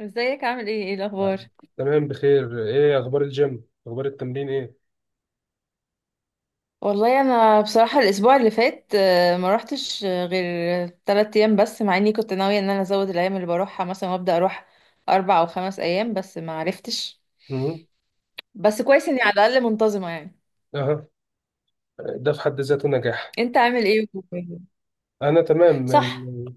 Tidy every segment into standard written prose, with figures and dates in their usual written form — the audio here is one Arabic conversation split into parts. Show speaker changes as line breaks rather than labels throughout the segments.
ازيك، عامل ايه؟ ايه الاخبار؟
تمام، بخير. ايه اخبار الجيم، اخبار التمرين؟ ايه.
والله انا بصراحه الاسبوع اللي فات ما روحتش غير 3 ايام بس، مع اني كنت ناويه ان انا ازود الايام اللي بروحها مثلا، وابدا اروح 4 او 5 ايام، بس ما عرفتش.
مم.
بس كويس اني على الاقل منتظمه يعني.
اها. ده في حد ذاته نجاح.
انت عامل ايه؟
انا تمام
صح.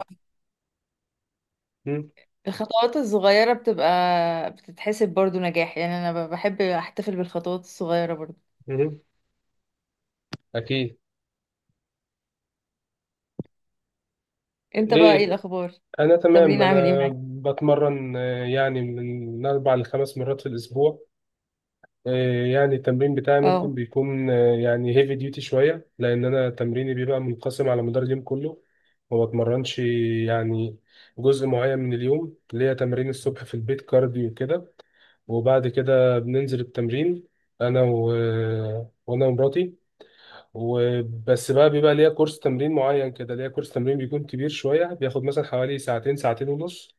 مم.
الخطوات الصغيره بتبقى بتتحسب برضو نجاح، يعني انا بحب احتفل بالخطوات الصغيره برضو.
مم. اكيد.
انت بقى
ايه.
ايه الاخبار؟
انا
التمرين
تمام،
عامل ايه
انا
معاك؟
بتمرن، يعني من اربع لخمس مرات في الاسبوع. يعني التمرين بتاعي ممكن
اه،
بيكون، يعني هيفي ديوتي شويه، لان انا تمريني بيبقى منقسم على مدار اليوم كله. ما بتمرنش، يعني، جزء معين من اليوم. ليا تمرين الصبح في البيت كارديو كده. وبعد كده بننزل التمرين. انا و... وانا ومراتي. وبس بقى، بيبقى ليا كورس تمرين معين كده، ليا كورس تمرين بيكون كبير شوية، بياخد مثلا حوالي ساعتين، ساعتين ونص.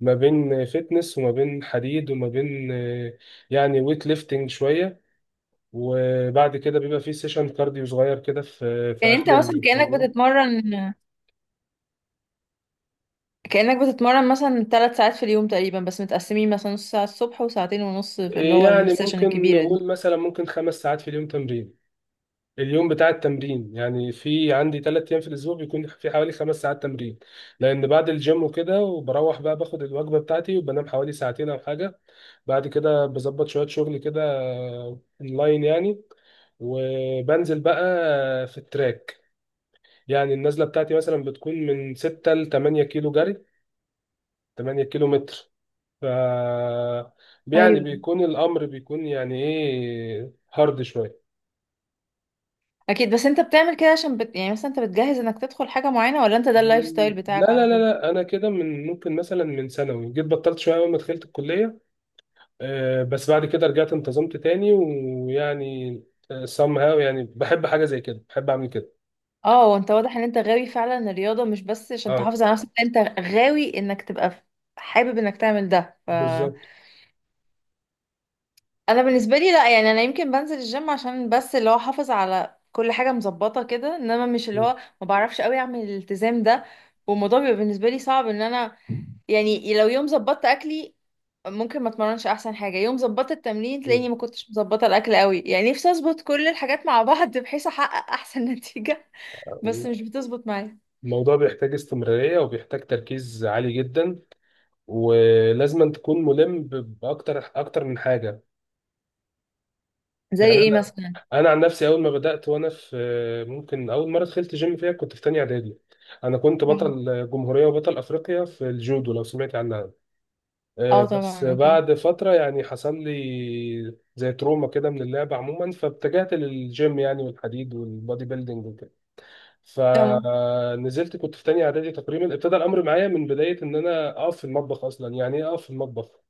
ما بين فتنس وما بين حديد وما بين يعني ويت ليفتنج شوية. وبعد كده بيبقى فيه سيشن كارديو صغير كده في
يعني انت
آخر
مثلا كانك
التمرين.
بتتمرن كأنك بتتمرن مثلا 3 ساعات في اليوم تقريبا، بس متقسمين، مثلا نص ساعة الصبح وساعتين ونص في اللي هو
يعني
السيشن
ممكن
الكبيرة
نقول
دي.
مثلا ممكن خمس ساعات في اليوم تمرين. اليوم بتاع التمرين يعني، في عندي ثلاث ايام في الاسبوع بيكون في حوالي خمس ساعات تمرين. لان بعد الجيم وكده، وبروح بقى باخد الوجبه بتاعتي وبنام حوالي ساعتين او حاجه. بعد كده بظبط شويه شغل كده، اونلاين يعني. وبنزل بقى في التراك. يعني النزله بتاعتي مثلا بتكون من 6 ل 8 كيلو جري، 8 كيلو متر. ف، يعني،
ايوه.
بيكون الامر، بيكون يعني ايه، هارد شويه.
أكيد، بس أنت بتعمل كده عشان يعني مثلا أنت بتجهز إنك تدخل حاجة معينة، ولا أنت ده اللايف ستايل
مم. لا
بتاعك على
لا لا
طول؟
لا، انا كده من، ممكن مثلا، من ثانوي جيت بطلت شويه اول ما دخلت الكليه. بس بعد كده رجعت، انتظمت تاني، ويعني، سام هاو، يعني بحب حاجه زي كده، بحب اعمل كده.
اه، وانت واضح ان انت غاوي فعلا الرياضة، مش بس عشان
اه،
تحافظ على نفسك، انت غاوي انك تبقى حابب انك تعمل ده.
بالظبط.
انا بالنسبة لي لا، يعني انا يمكن بنزل الجيم عشان بس اللي هو احافظ على كل حاجة مظبطة كده، انما مش اللي
م-
هو ما بعرفش قوي اعمل الالتزام ده. والموضوع بيبقى بالنسبة لي صعب ان انا، يعني لو يوم ظبطت اكلي ممكن ما اتمرنش. احسن حاجه يوم ظبطت التمرين تلاقيني ما كنتش مظبطه الاكل قوي. يعني نفسي اظبط كل الحاجات مع بعض بحيث احقق احسن نتيجه، بس
م.
مش بتظبط معايا.
الموضوع بيحتاج استمراريه، وبيحتاج تركيز عالي جدا. ولازم أن تكون ملم باكتر من حاجه.
زي
يعني
ايه مثلا؟
انا عن نفسي، اول ما بدات وانا في، ممكن اول مره دخلت جيم فيها كنت في تانية اعدادي. انا كنت بطل
فاهمة.
جمهوريه وبطل افريقيا في الجودو، لو سمعت عنها.
اه
بس
طبعا اكيد.
بعد فتره، يعني حصل لي زي تروما كده من اللعبه عموما، فاتجهت للجيم، يعني، والحديد والبودي بيلدينج وكده.
اه،
فنزلت كنت في تانية اعدادي تقريبا. ابتدى الامر معايا من بدايه ان انا اقف في المطبخ اصلا. يعني ايه اقف في المطبخ؟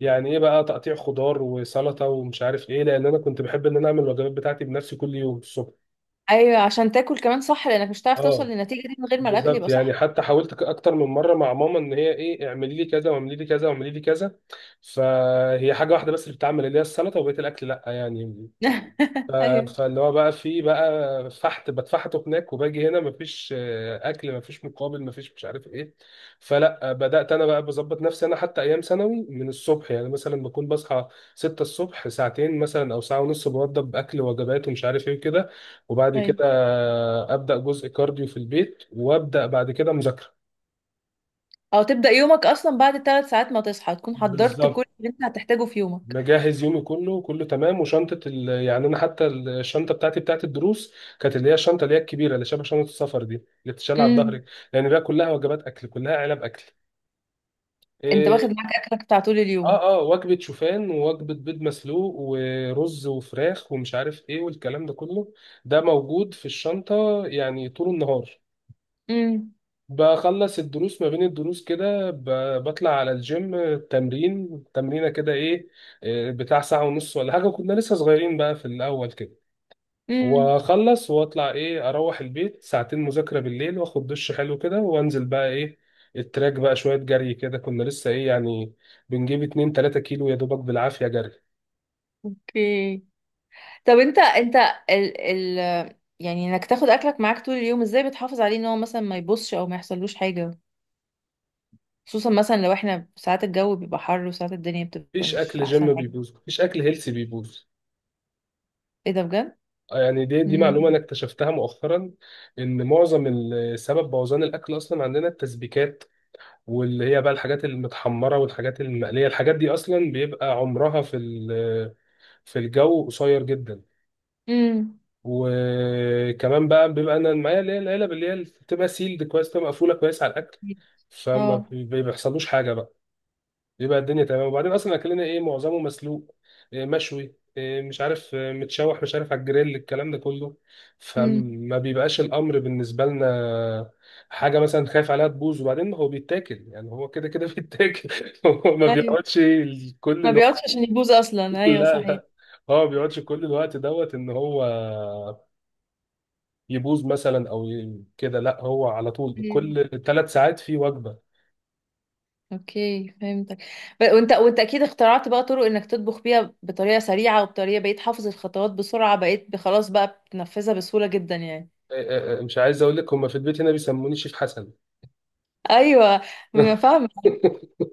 يعني ايه بقى؟ تقطيع خضار وسلطه ومش عارف ايه، لان انا كنت بحب ان انا اعمل الوجبات بتاعتي بنفسي كل يوم الصبح.
ايوه، عشان تاكل كمان، صح، لانك مش هتعرف توصل
اه،
للنتيجه دي من غير ما الاكل
بالظبط.
يبقى
يعني
صح.
حتى حاولت اكتر من مره مع ماما ان هي، ايه، اعملي لي كذا واعملي لي كذا واعملي لي كذا. فهي حاجه واحده بس اللي بتعمل، اللي هي السلطه. وبقيه الاكل لا، يعني، ف-
ايوه.
فاللي هو بقى، في بقى، فحت بتفحته هناك، وباجي هنا مفيش اكل، مفيش مقابل، مفيش، مش عارف ايه. فلا، بدات انا بقى بظبط نفسي انا، حتى ايام ثانوي، من الصبح يعني، مثلا بكون بصحى 6 الصبح، ساعتين مثلا او ساعه ونص بوضب اكل، وجبات ومش عارف ايه كده. وبعد كده
ايوه،
ابدا جزء كارديو في البيت، وابدا بعد كده مذاكره.
او تبدا يومك اصلا بعد 3 ساعات ما تصحى تكون حضرت كل
بالظبط.
اللي انت هتحتاجه في يومك.
مجهز يومي كله كله تمام، وشنطه يعني انا حتى الشنطه بتاعتي بتاعت الدروس كانت اللي هي الشنطه اللي هي الكبيره اللي شبه شنطه السفر دي اللي بتتشال على
امم.
الظهر. لان بقى كلها وجبات اكل، كلها علب اكل.
انت واخد
إيه...
معاك اكلك بتاع طول
اه
اليوم.
اه، وجبه شوفان ووجبه بيض مسلوق ورز وفراخ ومش عارف ايه والكلام ده كله. ده موجود في الشنطه يعني طول النهار. بخلص الدروس، ما بين الدروس كده، بطلع على الجيم تمرين، تمرينة كده، ايه، إيه، بتاع ساعة ونص ولا حاجة. كنا لسه صغيرين بقى في الأول كده.
امم.
واخلص واطلع، ايه، اروح البيت، ساعتين مذاكرة بالليل، واخد دش حلو كده، وانزل بقى ايه التراك بقى شوية جري كده. كنا لسه ايه يعني، بنجيب 2 3 كيلو يا دوبك بالعافية جري.
اوكي. طب، انت، ال ال يعني انك تاخد اكلك معاك طول اليوم، ازاي بتحافظ عليه ان هو مثلا ما يبصش او ما يحصلوش حاجة، خصوصا مثلا لو احنا ساعات الجو بيبقى حر وساعات الدنيا بتبقى
مفيش
مش
اكل
احسن
جيم
حاجة.
بيبوظ، مفيش اكل هيلثي بيبوظ.
ايه ده بجد؟
يعني دي معلومة أنا
امم.
اكتشفتها مؤخرا. إن معظم سبب بوظان الأكل أصلا عندنا التسبيكات، واللي هي بقى الحاجات المتحمرة والحاجات المقلية. الحاجات دي أصلا بيبقى عمرها في الجو قصير جدا.
امم.
وكمان بقى بيبقى أنا معايا اللي هي العلب اللي هي بتبقى سيلد كويس، بتبقى مقفولة كويس على الأكل، فما
اه.
بيحصلوش حاجة بقى. يبقى الدنيا تمام. وبعدين اصلا اكلنا ايه؟ معظمه مسلوق، إيه مشوي، إيه مش عارف إيه، متشوح، مش عارف، على الجريل، الكلام ده كله،
امم.
فما بيبقاش الامر بالنسبه لنا حاجه مثلا خايف عليها تبوظ. وبعدين هو بيتاكل، يعني هو كده كده بيتاكل. هو ما
ايوه.
بيقعدش كل
ما
الوقت.
بيقعدش عشان يبوظ، اصلا ايوه
لا
صحيح.
لا، هو ما بيقعدش كل الوقت دوت ان هو يبوظ مثلا او كده. لا، هو على طول
ايوه
كل ثلاث ساعات في وجبه.
اوكي فهمتك. وانت اكيد اخترعت بقى طرق انك تطبخ بيها بطريقة سريعة، وبطريقة بقيت حافظ الخطوات بسرعة، بقيت خلاص بقى بتنفذها بسهولة جدا يعني.
إيه إيه إيه، مش عايز اقول لك، هم في البيت هنا بيسموني شيف حسن.
ايوه، ما فاهمه.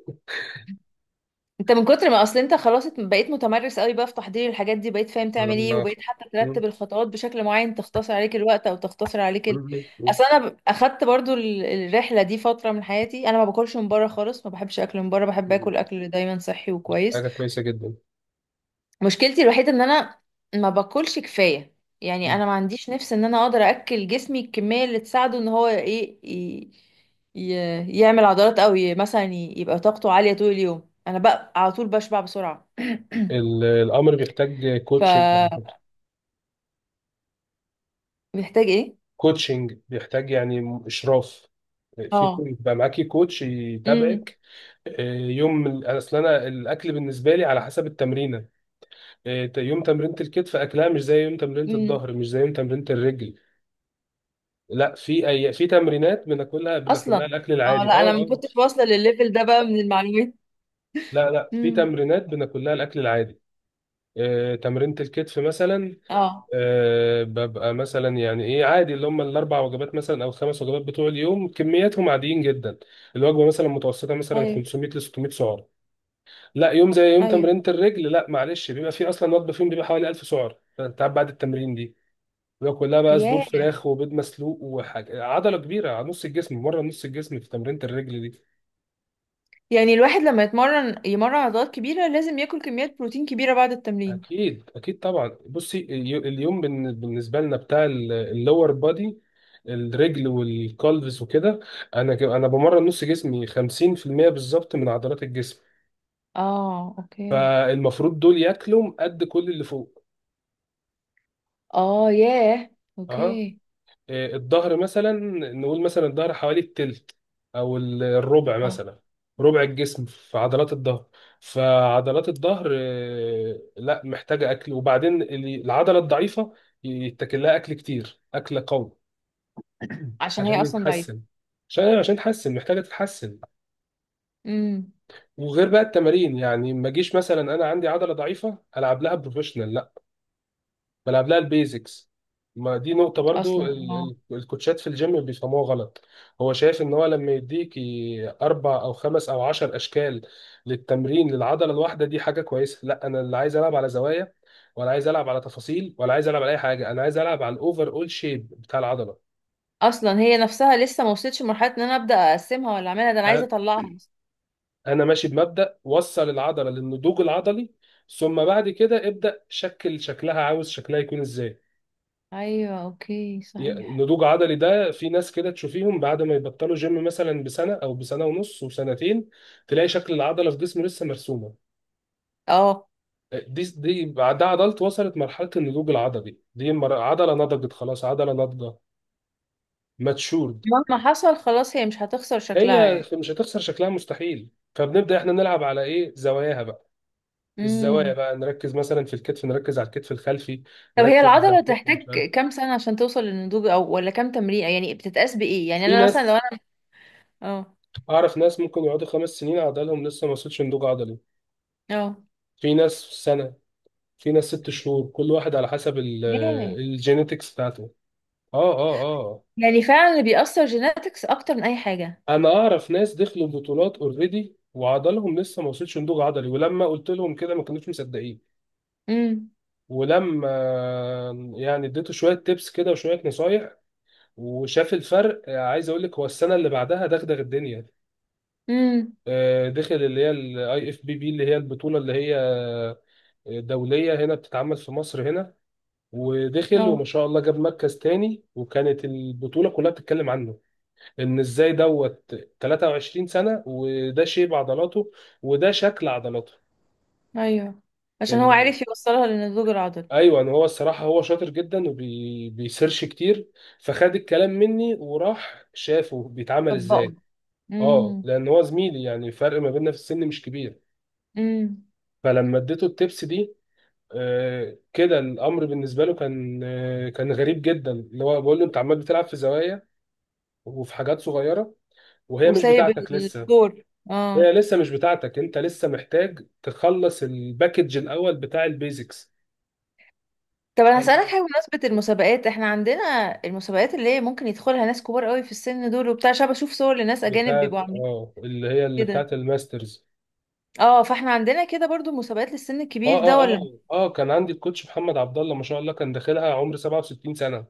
انت من كتر ما اصل انت خلاص بقيت متمرس قوي بقى في تحضير الحاجات دي، بقيت فاهم تعمل ايه،
آه،
وبقيت حتى ترتب الخطوات بشكل معين تختصر عليك الوقت، او تختصر عليك ال... اصل انا اخدت برضو الرحله دي فتره من حياتي، انا ما باكلش من بره خالص، ما بحبش اكل من بره، بحب اكل اكل دايما صحي وكويس.
حاجة كويسة جدا.
مشكلتي الوحيدة ان انا ما باكلش كفاية. يعني انا ما عنديش نفس ان انا اقدر اكل جسمي الكمية اللي تساعده ان هو ايه ي... يعمل عضلات، او مثلا يبقى طاقته عالية طول اليوم. انا بقى على طول بشبع بسرعة.
الأمر بيحتاج كوتشنج على
فمحتاج،
فكرة.
ايه.
كوتشنج بيحتاج يعني إشراف.
اه.
يبقى معاكي كوتش
امم.
يتابعك. يوم أصل أنا الأكل بالنسبة لي على حسب التمرينة. يوم تمرينة الكتف أكلها مش زي يوم تمرينة
امم.
الظهر، مش زي يوم تمرينة الرجل. لا، في أي، في تمرينات بناكلها
اصلا
بناكلها الأكل
اه.
العادي، أه
لا انا ما
أه.
كنتش واصلة للليفل ده بقى من المعلومات.
لا لا، في
امم.
تمرينات بناكلها الأكل العادي. تمرينة الكتف مثلا،
اه.
أه، ببقى مثلا يعني ايه عادي، اللي هم الاربع وجبات مثلا او الخمس وجبات بتوع اليوم كمياتهم عاديين جدا. الوجبه مثلا متوسطه، مثلا
ايوه.
500 ل 600 سعر. لا، يوم زي يوم
ايوه.
تمرينة الرجل، لا معلش، بيبقى فيه اصلا وجبه فيهم بيبقى حوالي 1000 سعر، فانت قاعد بعد التمرين دي. بيبقى كلها بقى صدور
ياه.
فراخ وبيض مسلوق وحاجه، عضله كبيره على نص الجسم، مره، نص الجسم في تمرينة الرجل دي.
يعني الواحد لما يتمرن يمرن عضلات كبيرة لازم ياكل كميات بروتين كبيرة بعد التمرين.
اكيد اكيد طبعا. بصي، اليوم بالنسبه لنا بتاع اللور بادي، الرجل والكالفس وكده. انا بمرن نص جسمي 50% بالظبط من عضلات الجسم.
اه اوكي.
المفروض دول ياكلوا قد كل اللي فوق.
اه ياه.
اها.
اوكي.
إيه، الظهر مثلا، نقول مثلا الظهر حوالي التلت، او الربع
اه.
مثلا، ربع الجسم في عضلات الظهر. فعضلات الظهر، إيه، لا محتاجه اكل. وبعدين العضله الضعيفه يتاكل لها اكل كتير، اكل قوي،
عشان هي
عشان
اصلا ضعيفة.
يتحسن. عشان تتحسن، محتاجه تتحسن.
امم.
وغير بقى التمارين. يعني ما اجيش مثلا انا عندي عضله ضعيفه العب لها بروفيشنال، لا، بلعب لها البيزكس. ما دي نقطه
اصلا
برضو
اه.
الكوتشات في الجيم بيفهموها غلط. هو شايف ان هو لما يديك اربع او خمس او عشر اشكال للتمرين للعضله الواحده دي حاجه كويسه. لا، انا اللي عايز العب على زوايا، ولا عايز العب على تفاصيل، ولا عايز العب على اي حاجه. انا عايز العب على الاوفر اول شيب بتاع العضله.
اصلا هي نفسها لسه ما وصلتش لمرحلة ان انا ابدا اقسمها ولا اعملها، ده انا عايزة اطلعها أصلاً.
انا ماشي بمبدأ وصل العضلة للنضوج العضلي، ثم بعد كده ابدأ شكل شكلها، عاوز شكلها يكون ازاي.
ايوه اوكي صحيح.
النضوج عضلي ده، في ناس كده تشوفيهم بعد ما يبطلوا جيم مثلا بسنة او بسنة ونص وسنتين، تلاقي شكل العضلة في جسمه لسه مرسومة.
اه.
دي بعدها عضلت وصلت مرحلة النضوج العضلي دي، عضلة نضجت خلاص، عضلة ناضجة، ماتشورد.
مهما حصل خلاص هي مش هتخسر شكلها
هي
يعني.
مش هتخسر شكلها مستحيل. فبنبدأ احنا نلعب على ايه، زواياها بقى. الزوايا
امم.
بقى نركز مثلا في الكتف، نركز على الكتف الخلفي،
طب هي
نركز على
العضلة
الكتف، مش
تحتاج
عارف.
كام سنة عشان توصل للنضوج، او ولا كام تمرين؟ يعني بتتقاس بايه؟ يعني
في
انا مثلا لو
ناس،
انا. اه.
اعرف ناس ممكن يقعدوا خمس سنين عضلهم لسه ما وصلش نضوج عضلي.
اه.
في ناس سنة، في ناس ست شهور، كل واحد على حسب
ياه.
الجينيتكس بتاعته. اه اه اه.
يعني فعلا اللي بيأثر جيناتكس اكتر من اي حاجة.
انا اعرف ناس دخلوا بطولات اوريدي وعضلهم لسه ما وصلش نضوج عضلي، ولما قلت لهم كده ما كانوش مصدقين.
امم.
ولما، يعني، اديته شويه تيبس كده وشويه نصايح، وشاف الفرق، عايز اقول لك هو السنه اللي بعدها دغدغ الدنيا.
امم.
دخل اللي هي الاي اف بي بي اللي هي البطوله اللي هي دوليه، هنا بتتعمل في مصر هنا، ودخل وما
اه.
شاء الله جاب مركز تاني، وكانت البطوله كلها بتتكلم عنه، ان ازاي دوت 23 سنه وده شيب عضلاته وده شكل عضلاته.
ايوه، عشان هو
ان،
عارف يوصلها للنضوج العضلي.
ايوه، ان هو الصراحه هو شاطر جدا وبيسيرش كتير. فخد الكلام مني وراح شافه بيتعمل
طبقه.
ازاي. اه،
امم.
لان هو زميلي يعني، الفرق ما بيننا في السن مش كبير.
امم.
فلما اديته التبس دي، كده الامر بالنسبه له كان، كان غريب جدا، اللي هو بقول له انت عمال بتلعب في زوايا وفي حاجات صغيره وهي مش
وسايب
بتاعتك لسه.
الدور. اه.
هي لسه مش بتاعتك، انت لسه محتاج تخلص الباكج الاول بتاع البيزكس.
طب انا هسألك حاجة بمناسبة المسابقات. احنا عندنا المسابقات اللي هي ممكن يدخلها ناس كبار قوي في السن دول وبتاع، عشان بشوف صور لناس اجانب بيبقوا
بتاعت
عاملين
اه، اللي
كده.
بتاعت الماسترز.
اه، فاحنا عندنا كده برضو مسابقات للسن الكبير
اه
ده
اه
ولا؟
اه. اه كان عندي الكوتش محمد عبد الله ما شاء الله كان داخلها عمر 67 سنه.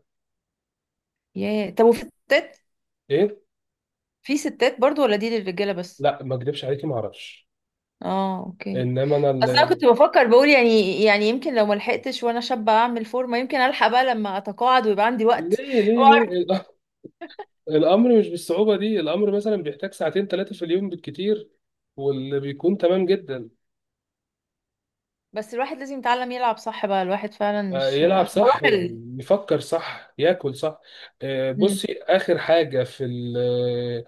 ياه طب وفي ستات؟
ايه.
في ستات برضو ولا دي للرجالة بس؟
لا ما اكدبش عليكي، ما اعرفش.
اه اوكي.
انما انا
اصل انا كنت بفكر بقول، يعني، يعني يمكن لو ما لحقتش وانا شابه اعمل فورمه، يمكن الحق بقى لما اتقاعد ويبقى عندي وقت،
ليه ليه
واعرف.
ليه. الامر مش بالصعوبه دي. الامر مثلا بيحتاج ساعتين ثلاثه في اليوم بالكتير، واللي بيكون تمام جدا.
بس الواحد لازم يتعلم يلعب صح بقى، الواحد فعلا مش
يلعب صح،
بروح ال...
يفكر صح، ياكل صح.
مم.
بصي اخر حاجه في ال- آه،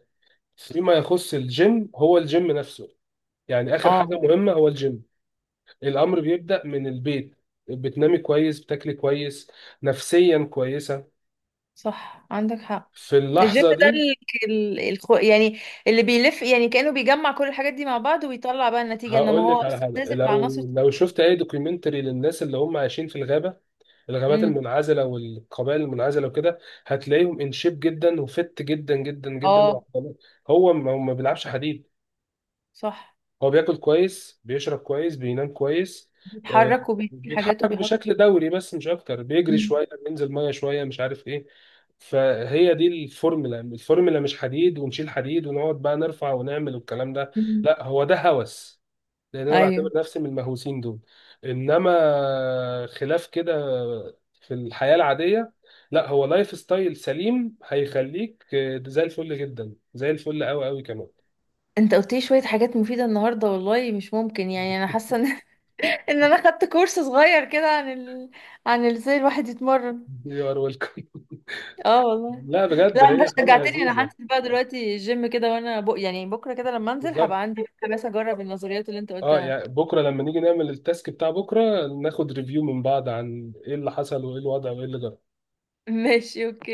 فيما يخص الجيم، هو الجيم نفسه يعني اخر حاجه
اه
مهمه، هو الجيم. الامر بيبدا من البيت، بتنامي كويس، بتاكلي كويس، نفسيا كويسه،
صح عندك حق.
في
الجيم
اللحظه
ده
دي.
يعني اللي بيلف يعني كأنه بيجمع كل الحاجات دي مع بعض ويطلع بقى النتيجة، انما
هقول
هو
لك على
اصلا
حاجه،
لازم
لو
العناصر.
شفت اي دوكيومنتري للناس اللي هم عايشين في الغابه، الغابات
امم.
المنعزله والقبائل المنعزله وكده، هتلاقيهم ان شيب جدا وفت جدا جدا جدا
اه
لوحدهم. هو ما بيلعبش حديد.
صح،
هو بياكل كويس، بيشرب كويس، بينام كويس. آه،
بيتحرك وبيشيل حاجات
بيتحرك
وبيحط.
بشكل دوري بس مش اكتر، بيجري
مم.
شويه، بينزل ميه شويه، مش عارف ايه. فهي دي الفورمولا، مش حديد ونشيل حديد ونقعد بقى نرفع ونعمل والكلام ده.
مم.
لا، هو ده هوس، لان انا بعتبر
ايوه.
نفسي من المهووسين دول. انما خلاف كده، في الحياه العاديه، لا، هو لايف ستايل سليم هيخليك زي الفل جدا، زي الفل قوي قوي كمان.
انت قلت لي شويه حاجات مفيده النهارده، والله مش ممكن، يعني انا حاسه ان ان انا خدت كورس صغير كده عن ال... عن ازاي الواحد يتمرن.
يو ار ويلكم.
اه والله.
لا
لا
بجد،
انت
هي حاجه
شجعتني، انا
لذيذه.
هنزل بقى دلوقتي الجيم كده، وانا يعني بكره كده لما انزل هبقى
بالظبط.
عندي، بس اجرب النظريات اللي انت
اه
قلتها.
يعني بكره لما نيجي نعمل التاسك بتاع بكره ناخد ريفيو من بعض عن ايه اللي حصل وايه الوضع وايه اللي جرى
ماشي اوكي.